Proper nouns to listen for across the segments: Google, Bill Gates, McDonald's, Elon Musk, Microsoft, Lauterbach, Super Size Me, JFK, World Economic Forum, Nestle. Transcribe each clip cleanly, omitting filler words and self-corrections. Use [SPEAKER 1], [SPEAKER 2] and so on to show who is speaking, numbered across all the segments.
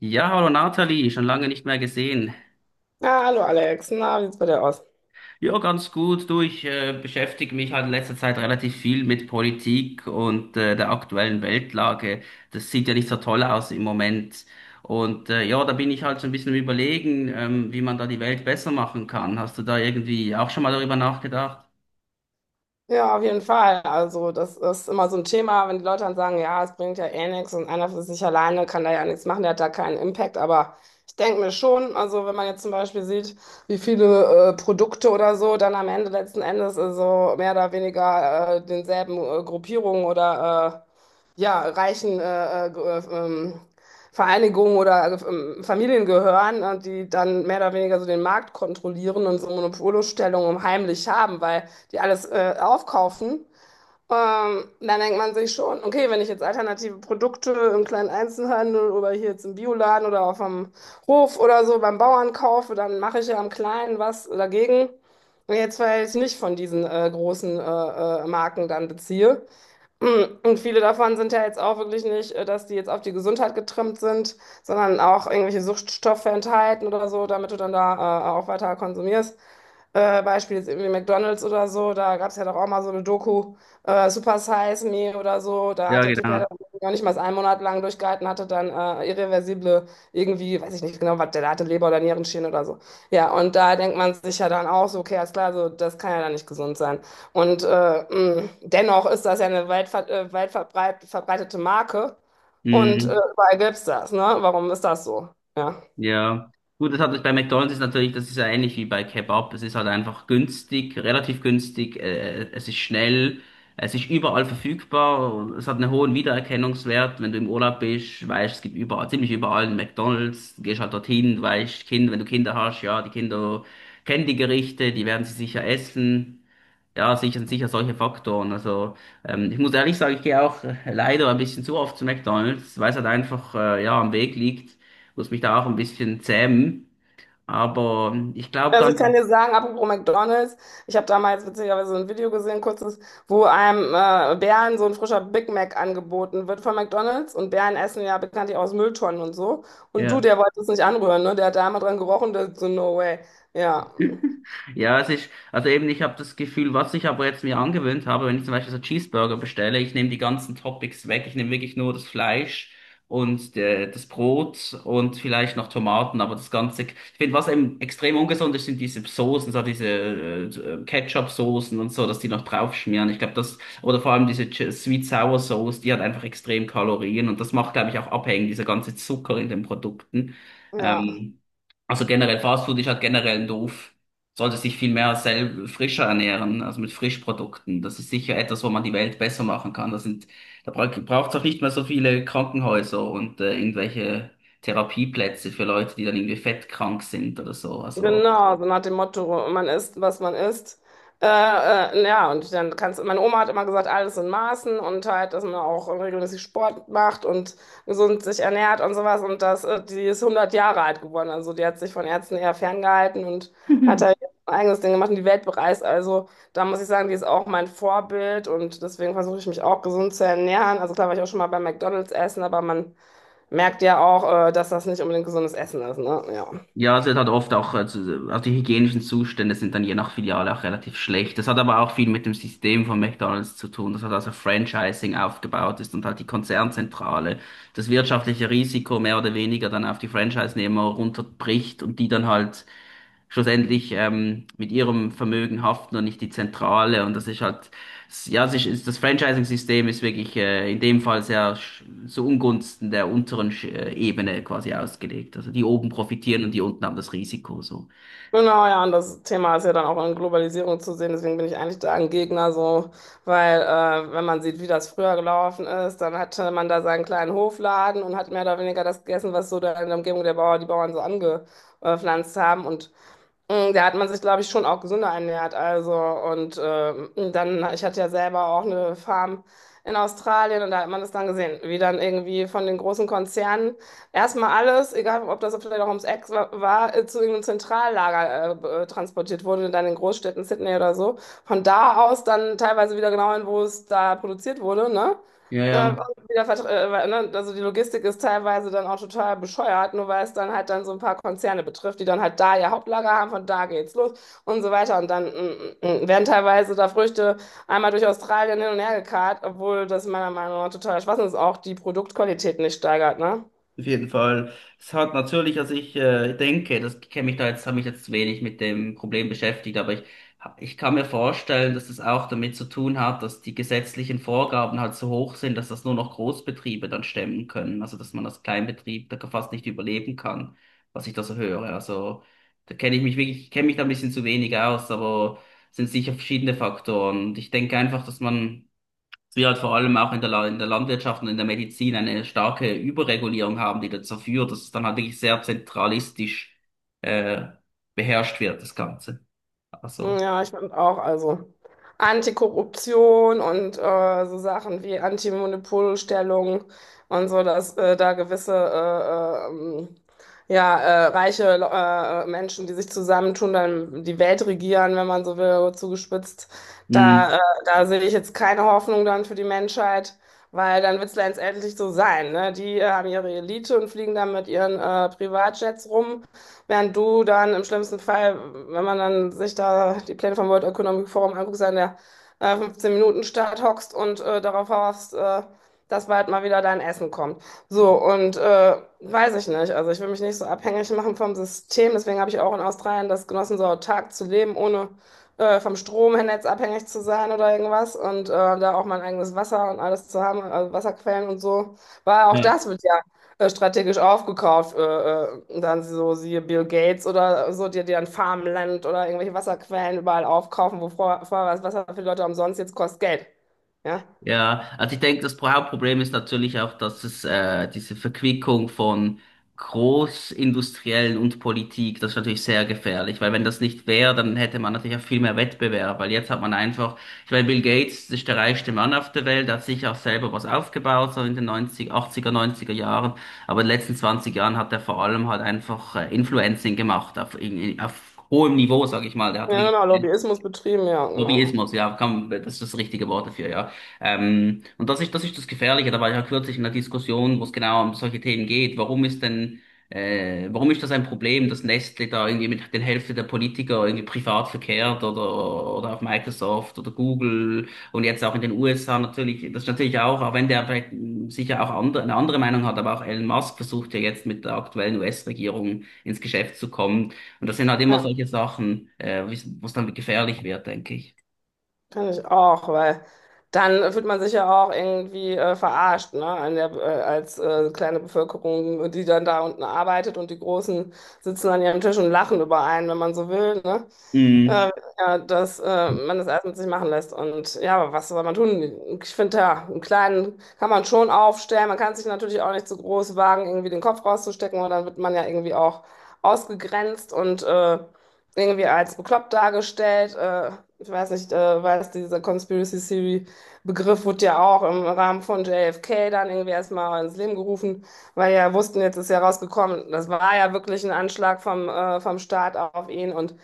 [SPEAKER 1] Ja, hallo Nathalie, schon lange nicht mehr gesehen.
[SPEAKER 2] Ja, hallo Alex, na, wie sieht's bei dir aus?
[SPEAKER 1] Ja, ganz gut. Du, ich beschäftige mich halt in letzter Zeit relativ viel mit Politik und der aktuellen Weltlage. Das sieht ja nicht so toll aus im Moment. Und ja, da bin ich halt so ein bisschen am Überlegen, wie man da die Welt besser machen kann. Hast du da irgendwie auch schon mal darüber nachgedacht?
[SPEAKER 2] Ja, auf jeden Fall. Also, das ist immer so ein Thema, wenn die Leute dann sagen, ja, es bringt ja eh nichts und einer für sich alleine kann da ja nichts machen, der hat da keinen Impact. Aber ich denke mir schon, also wenn man jetzt zum Beispiel sieht, wie viele Produkte oder so dann am Ende letzten Endes so mehr oder weniger denselben Gruppierungen oder ja, reichen äh, ähm, Vereinigungen oder Familien gehören, die dann mehr oder weniger so den Markt kontrollieren und so Monopolstellungen um heimlich haben, weil die alles aufkaufen. Dann denkt man sich schon, okay, wenn ich jetzt alternative Produkte im kleinen Einzelhandel oder hier jetzt im Bioladen oder auf dem Hof oder so beim Bauern kaufe, dann mache ich ja am Kleinen was dagegen. Jetzt, weil ich nicht von diesen großen Marken dann beziehe. Und viele davon sind ja jetzt auch wirklich nicht, dass die jetzt auf die Gesundheit getrimmt sind, sondern auch irgendwelche Suchtstoffe enthalten oder so, damit du dann da auch weiter konsumierst. Beispiel ist irgendwie McDonald's oder so, da gab es ja doch auch mal so eine Doku, Super Size Me oder so, da
[SPEAKER 1] Ja,
[SPEAKER 2] hat der Typ ja
[SPEAKER 1] genau.
[SPEAKER 2] dann noch nicht mal einen Monat lang durchgehalten, hatte dann irreversible, irgendwie, weiß ich nicht genau, was der da hatte, Leber- oder Nierenschäden oder so. Ja, und da denkt man sich ja dann auch so, okay, alles klar, so, das kann ja dann nicht gesund sein. Und dennoch ist das ja eine weit verbreitete Marke und
[SPEAKER 1] Mhm.
[SPEAKER 2] überall gibt es das, ne? Warum ist das so? Ja.
[SPEAKER 1] Ja, gut, das hat bei McDonald's ist natürlich, das ist ja ähnlich wie bei Kebab. Es ist halt einfach günstig, relativ günstig, es ist schnell, es ist überall verfügbar und es hat einen hohen Wiedererkennungswert. Wenn du im Urlaub bist, weißt, es gibt überall, ziemlich überall einen McDonald's. Du gehst halt dorthin, weißt, Kind, wenn du Kinder hast, ja, die Kinder kennen die Gerichte, die werden sie sicher essen. Ja, sicher, sicher solche Faktoren. Also ich muss ehrlich sagen, ich gehe auch leider ein bisschen zu oft zu McDonald's, weil es halt einfach ja am Weg liegt. Muss mich da auch ein bisschen zähmen. Aber ich glaube
[SPEAKER 2] Also ich
[SPEAKER 1] ganz,
[SPEAKER 2] kann dir sagen, apropos McDonald's, ich habe damals witzigerweise ein Video gesehen, kurzes, wo einem Bären so ein frischer Big Mac angeboten wird von McDonald's und Bären essen ja bekanntlich aus Mülltonnen und so. Und du,
[SPEAKER 1] ja.
[SPEAKER 2] der wollte es nicht anrühren, ne? Der hat da einmal dran gerochen, der so, no way. Ja,
[SPEAKER 1] Ja, es ist, also eben, ich habe das Gefühl, was ich aber jetzt mir angewöhnt habe, wenn ich zum Beispiel so Cheeseburger bestelle, ich nehme die ganzen Toppings weg, ich nehme wirklich nur das Fleisch und das Brot und vielleicht noch Tomaten, aber das Ganze, ich finde, was eben extrem ungesund ist, sind diese Soßen, so diese Ketchup-Soßen und so, dass die noch draufschmieren. Ich glaube, das, oder vor allem diese Sweet Sour Sauce, die hat einfach extrem Kalorien und das macht, glaube ich, auch abhängig, dieser ganze Zucker in den Produkten.
[SPEAKER 2] ja.
[SPEAKER 1] Ähm, also generell Fastfood ist halt generell doof. Sollte sich viel mehr selber frischer ernähren, also mit Frischprodukten. Das ist sicher etwas, wo man die Welt besser machen kann. Das sind, da braucht es auch nicht mehr so viele Krankenhäuser und irgendwelche Therapieplätze für Leute, die dann irgendwie fettkrank sind oder so. Also
[SPEAKER 2] Genau, so nach dem Motto, man isst, was man isst. Ja, und dann kannst meine Oma hat immer gesagt, alles in Maßen und halt, dass man auch regelmäßig Sport macht und gesund sich ernährt und sowas. Und das, die ist 100 Jahre alt geworden. Also die hat sich von Ärzten eher ferngehalten und hat halt ein eigenes Ding gemacht und die Welt bereist. Also da muss ich sagen, die ist auch mein Vorbild und deswegen versuche ich mich auch gesund zu ernähren. Also klar war ich auch schon mal bei McDonald's essen, aber man merkt ja auch, dass das nicht unbedingt gesundes Essen ist, ne? Ja.
[SPEAKER 1] Ja, also es wird halt oft auch, also die hygienischen Zustände sind dann je nach Filiale auch relativ schlecht. Das hat aber auch viel mit dem System von McDonald's zu tun, das hat also Franchising aufgebaut ist und halt die Konzernzentrale das wirtschaftliche Risiko mehr oder weniger dann auf die Franchise-Nehmer runterbricht und die dann halt schlussendlich mit ihrem Vermögen haften und nicht die Zentrale. Und das ist halt ja, es ist, das Franchising-System ist wirklich in dem Fall sehr zu Ungunsten der unteren Ebene quasi ausgelegt. Also die oben profitieren und die unten haben das Risiko so.
[SPEAKER 2] Genau, ja, und das Thema ist ja dann auch in Globalisierung zu sehen, deswegen bin ich eigentlich da ein Gegner, so, weil wenn man sieht, wie das früher gelaufen ist, dann hatte man da seinen kleinen Hofladen und hat mehr oder weniger das gegessen, was so da in der Umgebung der Bauer, die Bauern so angepflanzt haben und da hat man sich, glaube ich, schon auch gesünder ernährt. Also, und dann, ich hatte ja selber auch eine Farm in Australien und da hat man das dann gesehen, wie dann irgendwie von den großen Konzernen erstmal alles, egal ob das vielleicht auch ums Eck war, zu irgendeinem Zentrallager transportiert wurde, dann in Großstädten, Sydney oder so. Von da aus dann teilweise wieder genau hin, wo es da produziert wurde, ne?
[SPEAKER 1] Ja,
[SPEAKER 2] Äh,
[SPEAKER 1] ja.
[SPEAKER 2] Weil, ne, also die Logistik ist teilweise dann auch total bescheuert, nur weil es dann halt dann so ein paar Konzerne betrifft, die dann halt da ihr Hauptlager haben, von da geht's los und so weiter. Und dann werden teilweise da Früchte einmal durch Australien hin und her gekarrt, obwohl das meiner Meinung nach total Schwachsinn ist, auch die Produktqualität nicht steigert, ne?
[SPEAKER 1] Auf jeden Fall. Es hat natürlich, also ich denke, das kenne mich da jetzt, habe mich jetzt wenig mit dem Problem beschäftigt, aber ich kann mir vorstellen, dass das auch damit zu tun hat, dass die gesetzlichen Vorgaben halt so hoch sind, dass das nur noch Großbetriebe dann stemmen können. Also dass man als Kleinbetrieb da fast nicht überleben kann, was ich da so höre. Also da kenne ich mich wirklich, ich kenne mich da ein bisschen zu wenig aus, aber es sind sicher verschiedene Faktoren. Und ich denke einfach, dass man wir halt vor allem auch in der, in der Landwirtschaft und in der Medizin eine starke Überregulierung haben, die dazu führt, dass es dann halt wirklich sehr zentralistisch äh, beherrscht wird, das Ganze. Also.
[SPEAKER 2] Ja, ich finde auch, also Antikorruption und so Sachen wie Antimonopolstellung und so, dass da gewisse ja, reiche Menschen, die sich zusammentun, dann die Welt regieren, wenn man so will, zugespitzt.
[SPEAKER 1] Mhm.
[SPEAKER 2] Da, äh, Da sehe ich jetzt keine Hoffnung dann für die Menschheit, weil dann wird es letztendlich so sein, ne? Die haben ihre Elite und fliegen dann mit ihren Privatjets rum. Während du dann im schlimmsten Fall, wenn man dann sich da die Pläne vom World Economic Forum anguckt, so in der 15-Minuten-Stadt hockst und darauf hoffst, dass bald mal wieder dein Essen kommt. So, und weiß ich nicht. Also ich will mich nicht so abhängig machen vom System. Deswegen habe ich auch in Australien das genossen, so autark zu leben, ohne vom Stromnetz abhängig zu sein oder irgendwas. Und da auch mein eigenes Wasser und alles zu haben, also Wasserquellen und so. War auch das wird ja strategisch aufgekauft. Und dann so siehe Bill Gates oder so, die dir ein Farmland oder irgendwelche Wasserquellen überall aufkaufen, wo vorher, vorher war das Wasser für die Leute umsonst, jetzt kostet Geld. Ja,
[SPEAKER 1] Ja, also ich denke, das Hauptproblem ist natürlich auch, dass es diese Verquickung von Großindustriellen und Politik, das ist natürlich sehr gefährlich, weil wenn das nicht wäre, dann hätte man natürlich auch viel mehr Wettbewerb, weil jetzt hat man einfach, ich meine, Bill Gates ist der reichste Mann auf der Welt, hat sich auch selber was aufgebaut, so in den 80er, 90er Jahren, aber in den letzten 20 Jahren hat er vor allem halt einfach Influencing gemacht auf hohem Niveau, sag ich mal, der hat
[SPEAKER 2] ja
[SPEAKER 1] wirklich
[SPEAKER 2] genau, Lobbyismus betrieben, ja, genau.
[SPEAKER 1] Lobbyismus, ja, komm, das ist das richtige Wort dafür, ja. Und das ist das Gefährliche, da war ich ja kürzlich in einer Diskussion, wo es genau um solche Themen geht. Warum ist denn, warum ist das ein Problem, dass Nestle da irgendwie mit der Hälfte der Politiker irgendwie privat verkehrt oder, auf Microsoft oder Google und jetzt auch in den USA natürlich, das ist natürlich auch, auch wenn der vielleicht sicher auch andere, eine andere Meinung hat, aber auch Elon Musk versucht ja jetzt mit der aktuellen US-Regierung ins Geschäft zu kommen. Und das sind halt immer
[SPEAKER 2] Ja.
[SPEAKER 1] solche Sachen, wo es dann gefährlich wird, denke ich.
[SPEAKER 2] Kann ich auch, weil dann fühlt man sich ja auch irgendwie verarscht, ne? An der, als kleine Bevölkerung, die dann da unten arbeitet und die Großen sitzen an ihrem Tisch und lachen über einen, wenn man so will, ne?
[SPEAKER 1] Mhm.
[SPEAKER 2] Äh, ja, dass man das alles mit sich machen lässt. Und ja, aber was soll man tun? Ich finde, ja, einen kleinen kann man schon aufstellen. Man kann sich natürlich auch nicht zu groß wagen, irgendwie den Kopf rauszustecken, weil dann wird man ja irgendwie auch ausgegrenzt und irgendwie als bekloppt dargestellt. Ich weiß nicht, dieser Conspiracy Theory-Begriff wurde ja auch im Rahmen von JFK dann irgendwie erstmal ins Leben gerufen, weil ja wussten, jetzt ist ja rausgekommen, das war ja wirklich ein Anschlag vom Staat auf ihn und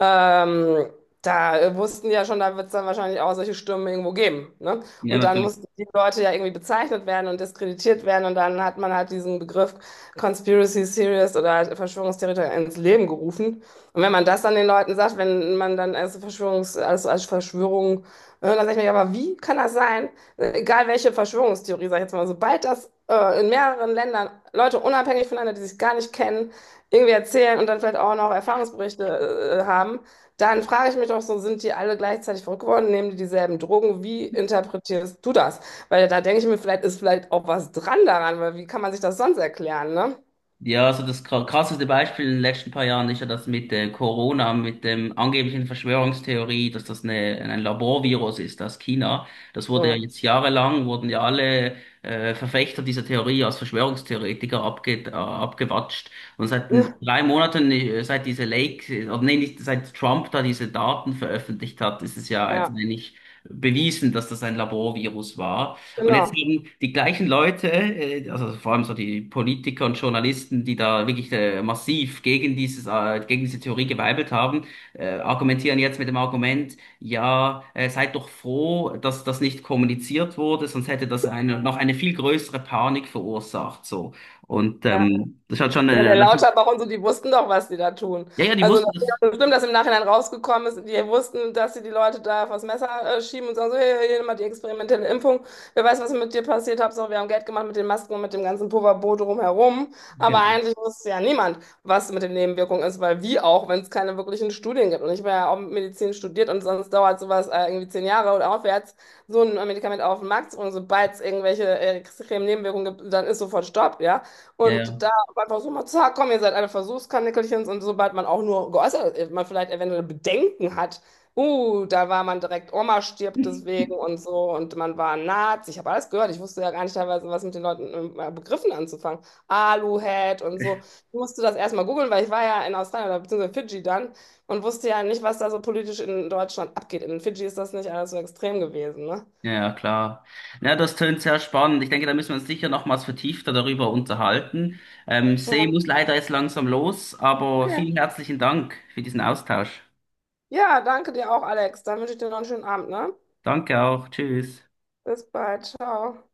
[SPEAKER 2] ähm, da wussten die ja schon, da wird es dann wahrscheinlich auch solche Stürme irgendwo geben. Ne?
[SPEAKER 1] Ja,
[SPEAKER 2] Und dann
[SPEAKER 1] natürlich.
[SPEAKER 2] mussten die Leute ja irgendwie bezeichnet werden und diskreditiert werden. Und dann hat man halt diesen Begriff Conspiracy Theorist oder halt Verschwörungstheoretiker ins Leben gerufen. Und wenn man das dann den Leuten sagt, wenn man dann als Verschwörungs, als, als Verschwörung, dann sage ich mir, ja, aber wie kann das sein? Egal welche Verschwörungstheorie, sag ich jetzt mal, sobald das in mehreren Ländern Leute unabhängig voneinander, die sich gar nicht kennen, irgendwie erzählen und dann vielleicht auch noch Erfahrungsberichte haben, dann frage ich mich doch so, sind die alle gleichzeitig verrückt geworden, nehmen die dieselben Drogen? Wie interpretierst du das? Weil da denke ich mir, vielleicht ist vielleicht auch was dran daran, weil wie kann man sich das sonst erklären, ne?
[SPEAKER 1] Ja, also das krasseste Beispiel in den letzten paar Jahren ist ja das mit Corona, mit dem angeblichen Verschwörungstheorie, dass das eine, ein Laborvirus ist aus China. Das wurde ja
[SPEAKER 2] Hm.
[SPEAKER 1] jetzt jahrelang, wurden ja alle Verfechter dieser Theorie als Verschwörungstheoretiker abgewatscht. Und seit den
[SPEAKER 2] Ja,
[SPEAKER 1] 3 Monaten, nee, nicht, seit Trump da diese Daten veröffentlicht hat, ist es ja jetzt
[SPEAKER 2] ja,
[SPEAKER 1] eigentlich bewiesen, dass das ein Laborvirus war. Und jetzt
[SPEAKER 2] genau.
[SPEAKER 1] haben die gleichen Leute, also vor allem so die Politiker und Journalisten, die da wirklich massiv gegen gegen diese Theorie geweibelt haben, argumentieren jetzt mit dem Argument, ja, seid doch froh, dass das nicht kommuniziert wurde, sonst hätte das eine, noch eine viel größere Panik verursacht, so. Und
[SPEAKER 2] Ja.
[SPEAKER 1] das hat schon,
[SPEAKER 2] Ja, der Lauterbach und so, die wussten doch, was die da tun.
[SPEAKER 1] ja, ja, die
[SPEAKER 2] Also das
[SPEAKER 1] wussten
[SPEAKER 2] ist
[SPEAKER 1] das,
[SPEAKER 2] ja bestimmt, dass im Nachhinein rausgekommen ist, die wussten, dass sie die Leute da vors Messer schieben und sagen so, hey, hier mal die experimentelle Impfung. Wer weiß, was mit dir passiert, Hauptsache, wir haben Geld gemacht mit den Masken und mit dem ganzen Pulverboot drumherum. Aber
[SPEAKER 1] genau,
[SPEAKER 2] eigentlich wusste ja niemand, was mit den Nebenwirkungen ist, weil wie auch, wenn es keine wirklichen Studien gibt. Und ich war ja auch Medizin studiert und sonst dauert sowas irgendwie 10 Jahre oder aufwärts, so ein Medikament auf den Markt zu bringen. Sobald es irgendwelche extremen Nebenwirkungen gibt, dann ist sofort Stopp, ja.
[SPEAKER 1] ja,
[SPEAKER 2] Und aber einfach so mal, zack, komm, ihr seid alle Versuchskaninchen und sobald man auch nur geäußert, man vielleicht eventuell Bedenken hat, da war man direkt, Oma stirbt
[SPEAKER 1] ja.
[SPEAKER 2] deswegen und so und man war ein Nazi, ich habe alles gehört, ich wusste ja gar nicht teilweise, was mit den Leuten Begriffen anzufangen, Aluhut und so, ich musste das erstmal googeln, weil ich war ja in Australien oder beziehungsweise Fidschi dann und wusste ja nicht, was da so politisch in Deutschland abgeht, in Fidschi ist das nicht alles so extrem gewesen, ne?
[SPEAKER 1] Ja, ja, klar. Ja, das tönt sehr spannend. Ich denke, da müssen wir uns sicher nochmals vertiefter darüber unterhalten.
[SPEAKER 2] Ja,
[SPEAKER 1] See muss leider jetzt langsam los, aber
[SPEAKER 2] okay.
[SPEAKER 1] vielen herzlichen Dank für diesen Austausch.
[SPEAKER 2] Ja, danke dir auch, Alex, dann wünsche ich dir noch einen schönen Abend, ne?
[SPEAKER 1] Danke auch. Tschüss.
[SPEAKER 2] Bis bald, ciao.